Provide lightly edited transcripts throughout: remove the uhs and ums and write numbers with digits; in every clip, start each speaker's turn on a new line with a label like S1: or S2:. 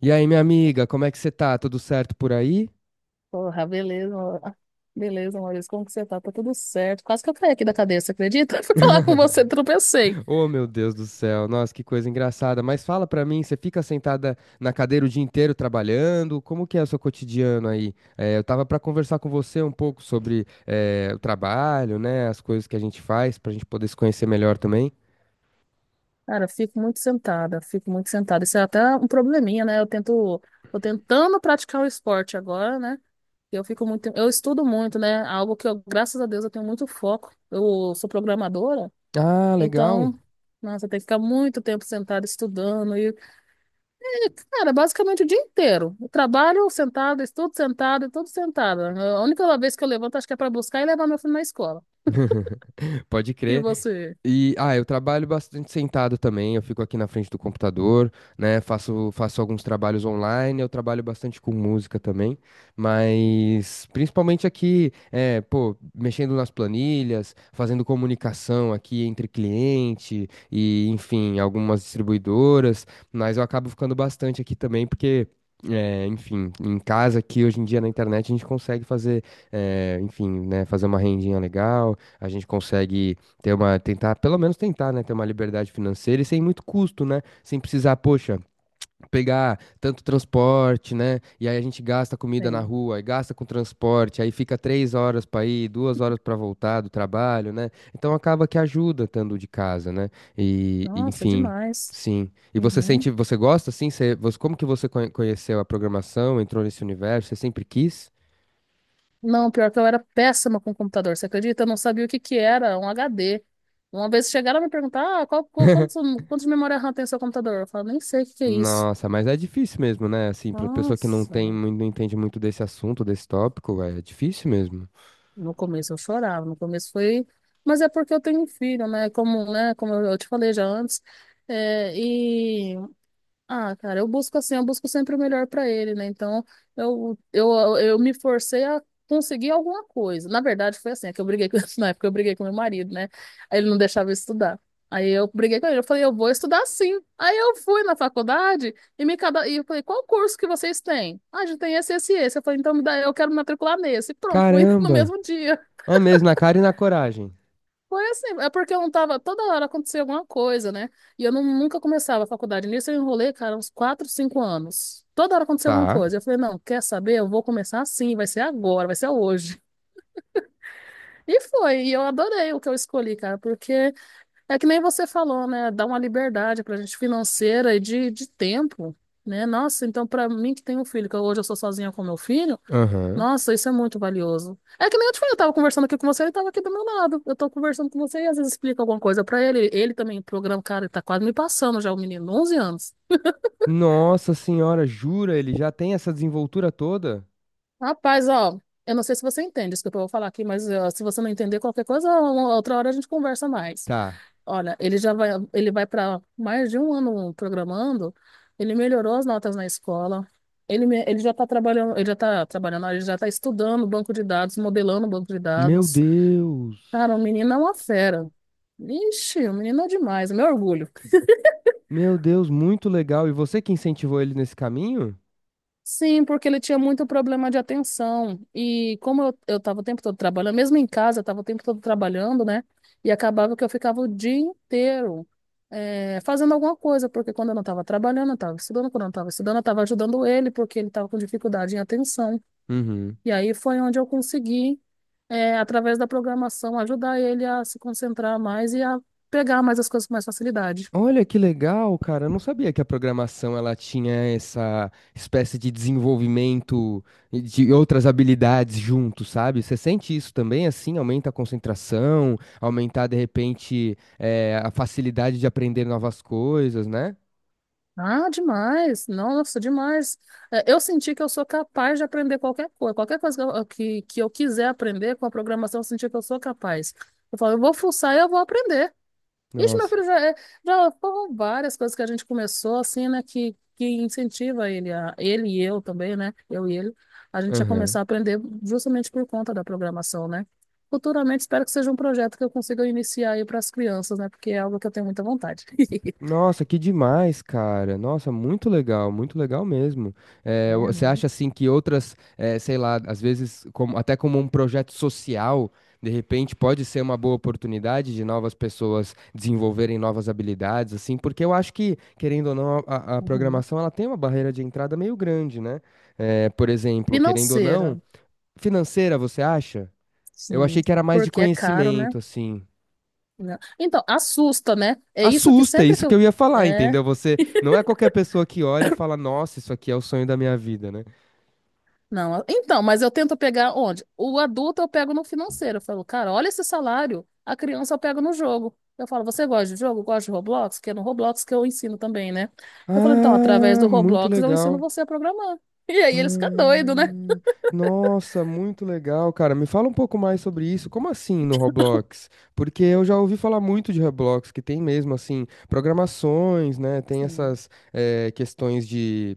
S1: E aí, minha amiga, como é que você tá? Tudo certo por aí?
S2: Porra, beleza, amor. Beleza, Maurício, como que você tá? Tá tudo certo. Quase que eu caí aqui da cadeira, você acredita? Fui falar com você, tropecei.
S1: Oh, meu Deus do céu, nossa, que coisa engraçada. Mas fala pra mim, você fica sentada na cadeira o dia inteiro trabalhando? Como que é o seu cotidiano aí? Eu tava pra conversar com você um pouco sobre o trabalho, né? As coisas que a gente faz pra gente poder se conhecer melhor também.
S2: Cara, fico muito sentada. Isso é até um probleminha, né? Tô tentando praticar o esporte agora, né? Eu fico muito, eu estudo muito, né? Algo que eu, graças a Deus, eu tenho muito foco. Eu sou programadora,
S1: Ah, legal.
S2: então, nossa, tem que ficar muito tempo sentada estudando. Cara, basicamente o dia inteiro. Eu trabalho sentado, estudo sentado, e tudo sentado. A única vez que eu levanto, acho que é para buscar e levar meu filho na escola.
S1: Pode
S2: E
S1: crer.
S2: você?
S1: E, ah, eu trabalho bastante sentado também, eu fico aqui na frente do computador, né? Faço alguns trabalhos online, eu trabalho bastante com música também, mas principalmente aqui, é, pô, mexendo nas planilhas, fazendo comunicação aqui entre cliente e, enfim, algumas distribuidoras, mas eu acabo ficando bastante aqui também, porque é, enfim, em casa aqui hoje em dia na internet a gente consegue fazer, é, enfim, né, fazer uma rendinha legal, a gente consegue ter uma, tentar, pelo menos tentar, né, ter uma liberdade financeira e sem muito custo, né, sem precisar, poxa, pegar tanto transporte, né, e aí a gente gasta comida na
S2: Tem.
S1: rua, aí gasta com transporte, aí fica 3 horas para ir, 2 horas para voltar do trabalho, né, então acaba que ajuda estando de casa, né, e,
S2: Nossa,
S1: enfim.
S2: demais.
S1: Sim. E você
S2: Uhum.
S1: sente, você gosta, assim? Como que conheceu a programação, entrou nesse universo? Você sempre quis?
S2: Não, pior que eu era péssima com computador, você acredita? Eu não sabia o que que era um HD. Uma vez chegaram a me perguntar, ah, quantos, quantos de memória RAM tem o seu computador? Eu falo, nem sei o que que é isso.
S1: Nossa, mas é difícil mesmo, né? Assim, pra pessoa que não
S2: Nossa.
S1: tem, não entende muito desse assunto, desse tópico, é difícil mesmo.
S2: No começo eu chorava, no começo foi, mas é porque eu tenho um filho, né? Como, né? Como eu te falei já antes. É, e ah, cara, eu busco assim, eu busco sempre o melhor para ele, né? Então eu, eu, eu me forcei a conseguir alguma coisa. Na verdade foi assim, é que eu briguei com, na época eu briguei com meu marido, né? Aí ele não deixava eu estudar. Aí eu briguei com ele, eu falei, eu vou estudar sim. Aí eu fui na faculdade e me cada... e eu falei, qual curso que vocês têm? Ah, a gente tem esse, esse, esse. Eu falei, então me dá, eu quero me matricular nesse. Pronto, fui no
S1: Caramba!
S2: mesmo dia.
S1: É mesmo, na cara e na coragem.
S2: Foi assim, é porque eu não tava, toda hora acontecia alguma coisa, né? E eu não, nunca começava a faculdade. Nisso eu enrolei, cara, uns 4 5 anos. Toda hora acontecia alguma
S1: Tá.
S2: coisa. Eu falei, não, quer saber? Eu vou começar assim, vai ser agora, vai ser hoje. E foi, e eu adorei o que eu escolhi, cara, porque é que nem você falou, né? Dá uma liberdade pra gente financeira e de tempo, né? Nossa, então pra mim que tem um filho, que hoje eu sou sozinha com meu filho,
S1: Aham.
S2: nossa, isso é muito valioso. É que nem eu te falei, eu tava conversando aqui com você, ele tava aqui do meu lado. Eu tô conversando com você e às vezes explica alguma coisa pra ele. Ele também programa, cara, ele tá quase me passando já, o menino, 11 anos.
S1: Nossa senhora, jura? Ele já tem essa desenvoltura toda?
S2: Rapaz, ó, eu não sei se você entende isso que eu vou falar aqui, mas ó, se você não entender qualquer coisa, uma outra hora a gente conversa mais.
S1: Tá.
S2: Olha, ele vai para mais de um ano programando, ele melhorou as notas na escola. Ele já está trabalhando, ele já está estudando banco de dados, modelando banco de
S1: Meu
S2: dados.
S1: Deus!
S2: Cara, o menino é uma fera. Ixi, o menino é demais, é meu orgulho.
S1: Meu Deus, muito legal. E você que incentivou ele nesse caminho?
S2: Sim, porque ele tinha muito problema de atenção. E como eu tava o tempo todo trabalhando, mesmo em casa, eu tava o tempo todo trabalhando, né? E acabava que eu ficava o dia inteiro fazendo alguma coisa, porque quando eu não tava trabalhando, eu tava estudando, quando eu não tava estudando, eu tava ajudando ele, porque ele tava com dificuldade em atenção.
S1: Uhum.
S2: E aí foi onde eu consegui, através da programação, ajudar ele a se concentrar mais e a pegar mais as coisas com mais facilidade.
S1: Olha que legal, cara. Eu não sabia que a programação ela tinha essa espécie de desenvolvimento e de outras habilidades junto, sabe? Você sente isso também, assim, aumenta a concentração, aumentar de repente a facilidade de aprender novas coisas, né?
S2: Ah, demais! Nossa, demais! É, eu senti que eu sou capaz de aprender qualquer coisa que eu quiser aprender com a programação, eu senti que eu sou capaz. Eu falo, eu vou fuçar e eu vou aprender. Ixi, meu
S1: Nossa.
S2: filho, já, é- já foram várias coisas que a gente começou, assim, né, que incentiva ele, a, ele e eu também, né, eu e ele, a gente a começar a aprender justamente por conta da programação, né? Futuramente, espero que seja um projeto que eu consiga iniciar aí para as crianças, né, porque é algo que eu tenho muita vontade.
S1: Nossa, que demais, cara. Nossa, muito legal mesmo.
S2: É,
S1: Você
S2: não?
S1: acha assim que outras, sei lá, às vezes até como um projeto social, de repente pode ser uma boa oportunidade de novas pessoas desenvolverem novas habilidades, assim, porque eu acho que, querendo ou não, a
S2: Uhum.
S1: programação ela tem uma barreira de entrada meio grande, né? Por exemplo, querendo ou não,
S2: Financeira,
S1: financeira, você acha? Eu
S2: sim,
S1: achei que era mais de
S2: porque é caro, né?
S1: conhecimento, assim.
S2: Não. Então, assusta, né? É isso que
S1: Assusta, é
S2: sempre
S1: isso
S2: que
S1: que eu
S2: eu.
S1: ia falar,
S2: É,
S1: entendeu? Você não é qualquer pessoa que olha e fala, nossa, isso aqui é o sonho da minha vida, né?
S2: não. Então, mas eu tento pegar onde? O adulto eu pego no financeiro. Eu falo, cara, olha esse salário. A criança eu pego no jogo. Eu falo, você gosta de jogo? Gosta de Roblox? Que é no Roblox que eu ensino também, né? Eu falo, então, através
S1: Ah,
S2: do
S1: muito
S2: Roblox eu ensino
S1: legal.
S2: você a programar. E aí eles ficam
S1: Ah,
S2: doidos, né?
S1: nossa, muito legal, cara. Me fala um pouco mais sobre isso. Como assim no Roblox? Porque eu já ouvi falar muito de Roblox, que tem mesmo assim programações, né? Tem
S2: Sim,
S1: essas questões de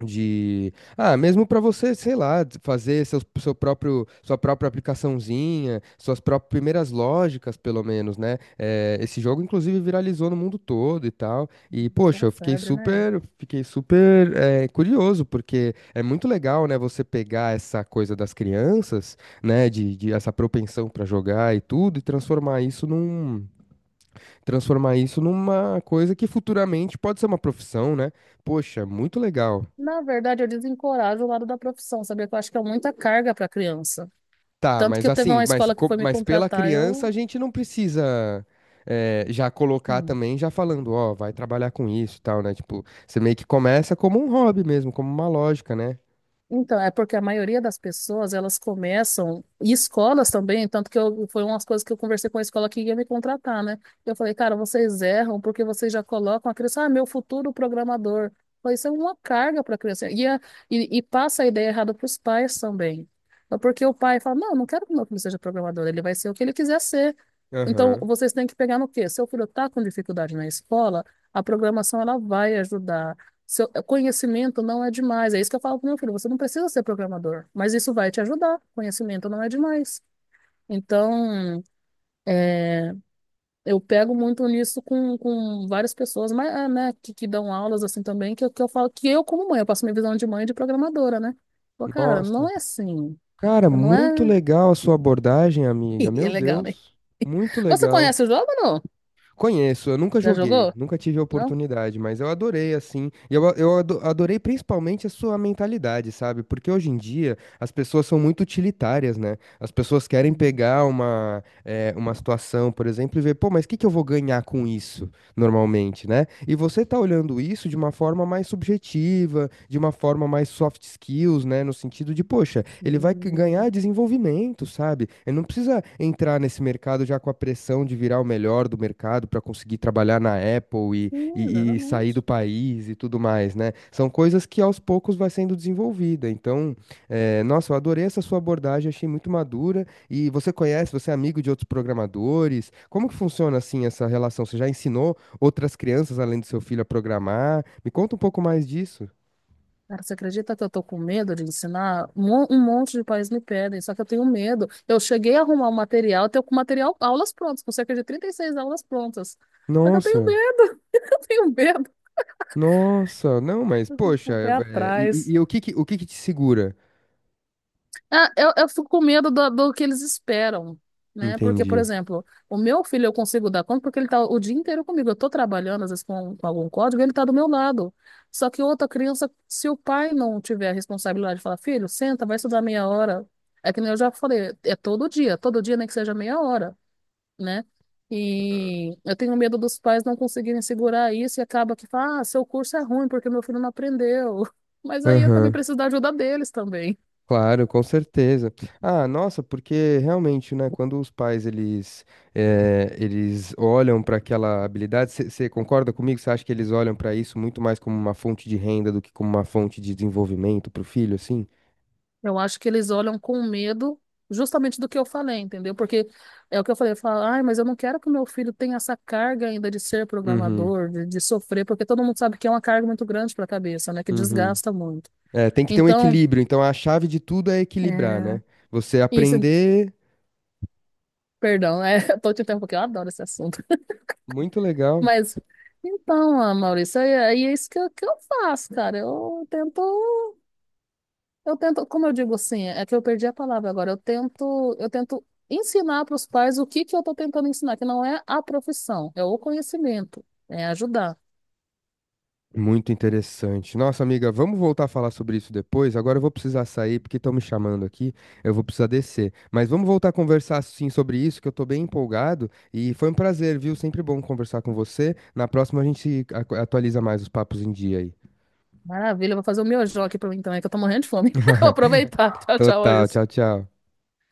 S1: De, ah, mesmo para você, sei lá, de fazer seu, seu próprio, sua própria aplicaçãozinha, suas próprias primeiras lógicas, pelo menos, né? Esse jogo, inclusive, viralizou no mundo todo e tal. E,
S2: isso é
S1: poxa,
S2: uma febre, né?
S1: fiquei super, curioso, porque é muito legal, né, você pegar essa coisa das crianças, né, de essa propensão para jogar e tudo, e transformar isso numa coisa que futuramente pode ser uma profissão, né? Poxa, muito legal.
S2: Na verdade, eu desencorajo o lado da profissão, sabia? Que eu acho que é muita carga para criança.
S1: Tá,
S2: Tanto que
S1: mas
S2: eu teve
S1: assim,
S2: uma
S1: mas,
S2: escola que foi me
S1: mas pela
S2: contratar,
S1: criança
S2: eu.
S1: a gente não precisa já colocar
S2: Hum.
S1: também, já falando, ó, vai trabalhar com isso e tal, né? Tipo, você meio que começa como um hobby mesmo, como uma lógica, né?
S2: Então, é porque a maioria das pessoas, elas começam, e escolas também, tanto que eu, foi umas coisas que eu conversei com a escola que ia me contratar, né? Eu falei, cara, vocês erram porque vocês já colocam a criança, ah, meu futuro programador. Eu falei, isso é uma carga para a criança. E passa a ideia errada para os pais também. É. Porque o pai fala, não, não quero que meu filho seja programador, ele vai ser o que ele quiser ser. Então,
S1: Aham.
S2: vocês têm que pegar no quê? Seu filho está com dificuldade na escola, a programação ela vai ajudar. Seu é, conhecimento não é demais. É isso que eu falo pro meu filho. Você não precisa ser programador, mas isso vai te ajudar. Conhecimento não é demais. Então, é, eu pego muito nisso com várias pessoas, mas, é, né, que dão aulas assim também, que eu falo que eu, como mãe, eu passo minha visão de mãe e de programadora, né? Pô, cara, não
S1: Nossa.
S2: é assim.
S1: Cara,
S2: Não
S1: muito
S2: é.
S1: legal a sua abordagem, amiga.
S2: É
S1: Meu
S2: legal, né?
S1: Deus. Muito
S2: Você
S1: legal.
S2: conhece o jogo ou não?
S1: Conheço, eu nunca
S2: Já
S1: joguei,
S2: jogou?
S1: nunca tive a
S2: Não?
S1: oportunidade, mas eu adorei, assim, e eu, eu adorei principalmente a sua mentalidade, sabe? Porque hoje em dia as pessoas são muito utilitárias, né? As pessoas querem
S2: Hum,
S1: pegar uma, uma situação, por exemplo, e ver, pô, mas o que que eu vou ganhar com isso? Normalmente, né? E você tá olhando isso de uma forma mais subjetiva, de uma forma mais soft skills, né? No sentido de, poxa, ele vai
S2: sim,
S1: ganhar desenvolvimento, sabe? Ele não precisa entrar nesse mercado já com a pressão de virar o melhor do mercado para conseguir trabalhar na Apple e,
S2: sim,
S1: e sair do
S2: exatamente.
S1: país e tudo mais, né? São coisas que aos poucos vai sendo desenvolvida. Então, nossa, eu adorei essa sua abordagem, achei muito madura. E você conhece, você é amigo de outros programadores? Como que funciona assim essa relação? Você já ensinou outras crianças além do seu filho a programar? Me conta um pouco mais disso.
S2: Cara, você acredita que eu tô com medo de ensinar? Mo- Um monte de pais me pedem, só que eu tenho medo. Eu cheguei a arrumar o material, eu tenho com material, aulas prontas, com cerca de 36 aulas prontas. Só que eu tenho
S1: Nossa,
S2: medo, eu tenho medo.
S1: não, mas
S2: Eu fico com
S1: poxa,
S2: o pé
S1: é,
S2: atrás.
S1: e o que o que que te segura?
S2: É, eu fico com medo do que eles esperam, né? Porque, por
S1: Entendi.
S2: exemplo, o meu filho eu consigo dar conta porque ele tá o dia inteiro comigo. Eu tô trabalhando, às vezes, com algum código, ele tá do meu lado. Só que outra criança, se o pai não tiver a responsabilidade de falar, filho, senta, vai estudar meia hora. É que nem eu já falei, é todo dia, nem que seja meia hora, né? E eu tenho medo dos pais não conseguirem segurar isso e acaba que fala, ah, seu curso é ruim porque meu filho não aprendeu. Mas aí eu também
S1: Aham,
S2: preciso da ajuda deles também.
S1: claro, com certeza. Ah, nossa, porque realmente, né, quando os pais eles eles olham para aquela habilidade, você concorda comigo? Você acha que eles olham para isso muito mais como uma fonte de renda do que como uma fonte de desenvolvimento para o filho, assim?
S2: Eu acho que eles olham com medo justamente do que eu falei, entendeu? Porque é o que eu falei, eu falo, ai, mas eu não quero que o meu filho tenha essa carga ainda de ser
S1: Uhum,
S2: programador, de sofrer, porque todo mundo sabe que é uma carga muito grande para a cabeça, né? Que
S1: uhum.
S2: desgasta muito.
S1: É, tem que ter um
S2: Então,
S1: equilíbrio. Então a chave de tudo é equilibrar,
S2: é,
S1: né? Você
S2: isso,
S1: aprender.
S2: perdão, é, eu tô te interrompendo porque eu adoro esse assunto.
S1: Muito legal.
S2: Mas, então, ah, Maurício, aí é, é isso que eu faço, cara. Eu tento. Eu tento, como eu digo assim, é que eu perdi a palavra agora. Eu tento ensinar para os pais o que que eu estou tentando ensinar, que não é a profissão, é o conhecimento, é ajudar.
S1: Muito interessante. Nossa, amiga, vamos voltar a falar sobre isso depois. Agora eu vou precisar sair porque estão me chamando aqui. Eu vou precisar descer. Mas vamos voltar a conversar sim sobre isso, que eu tô bem empolgado. E foi um prazer, viu? Sempre bom conversar com você. Na próxima a gente atualiza mais os papos em dia aí.
S2: Maravilha, eu vou fazer o meu miojão aqui para mim também, que eu tô morrendo de fome. Vou aproveitar. Tchau, tchau,
S1: Total. Tchau,
S2: Wilson.
S1: tchau.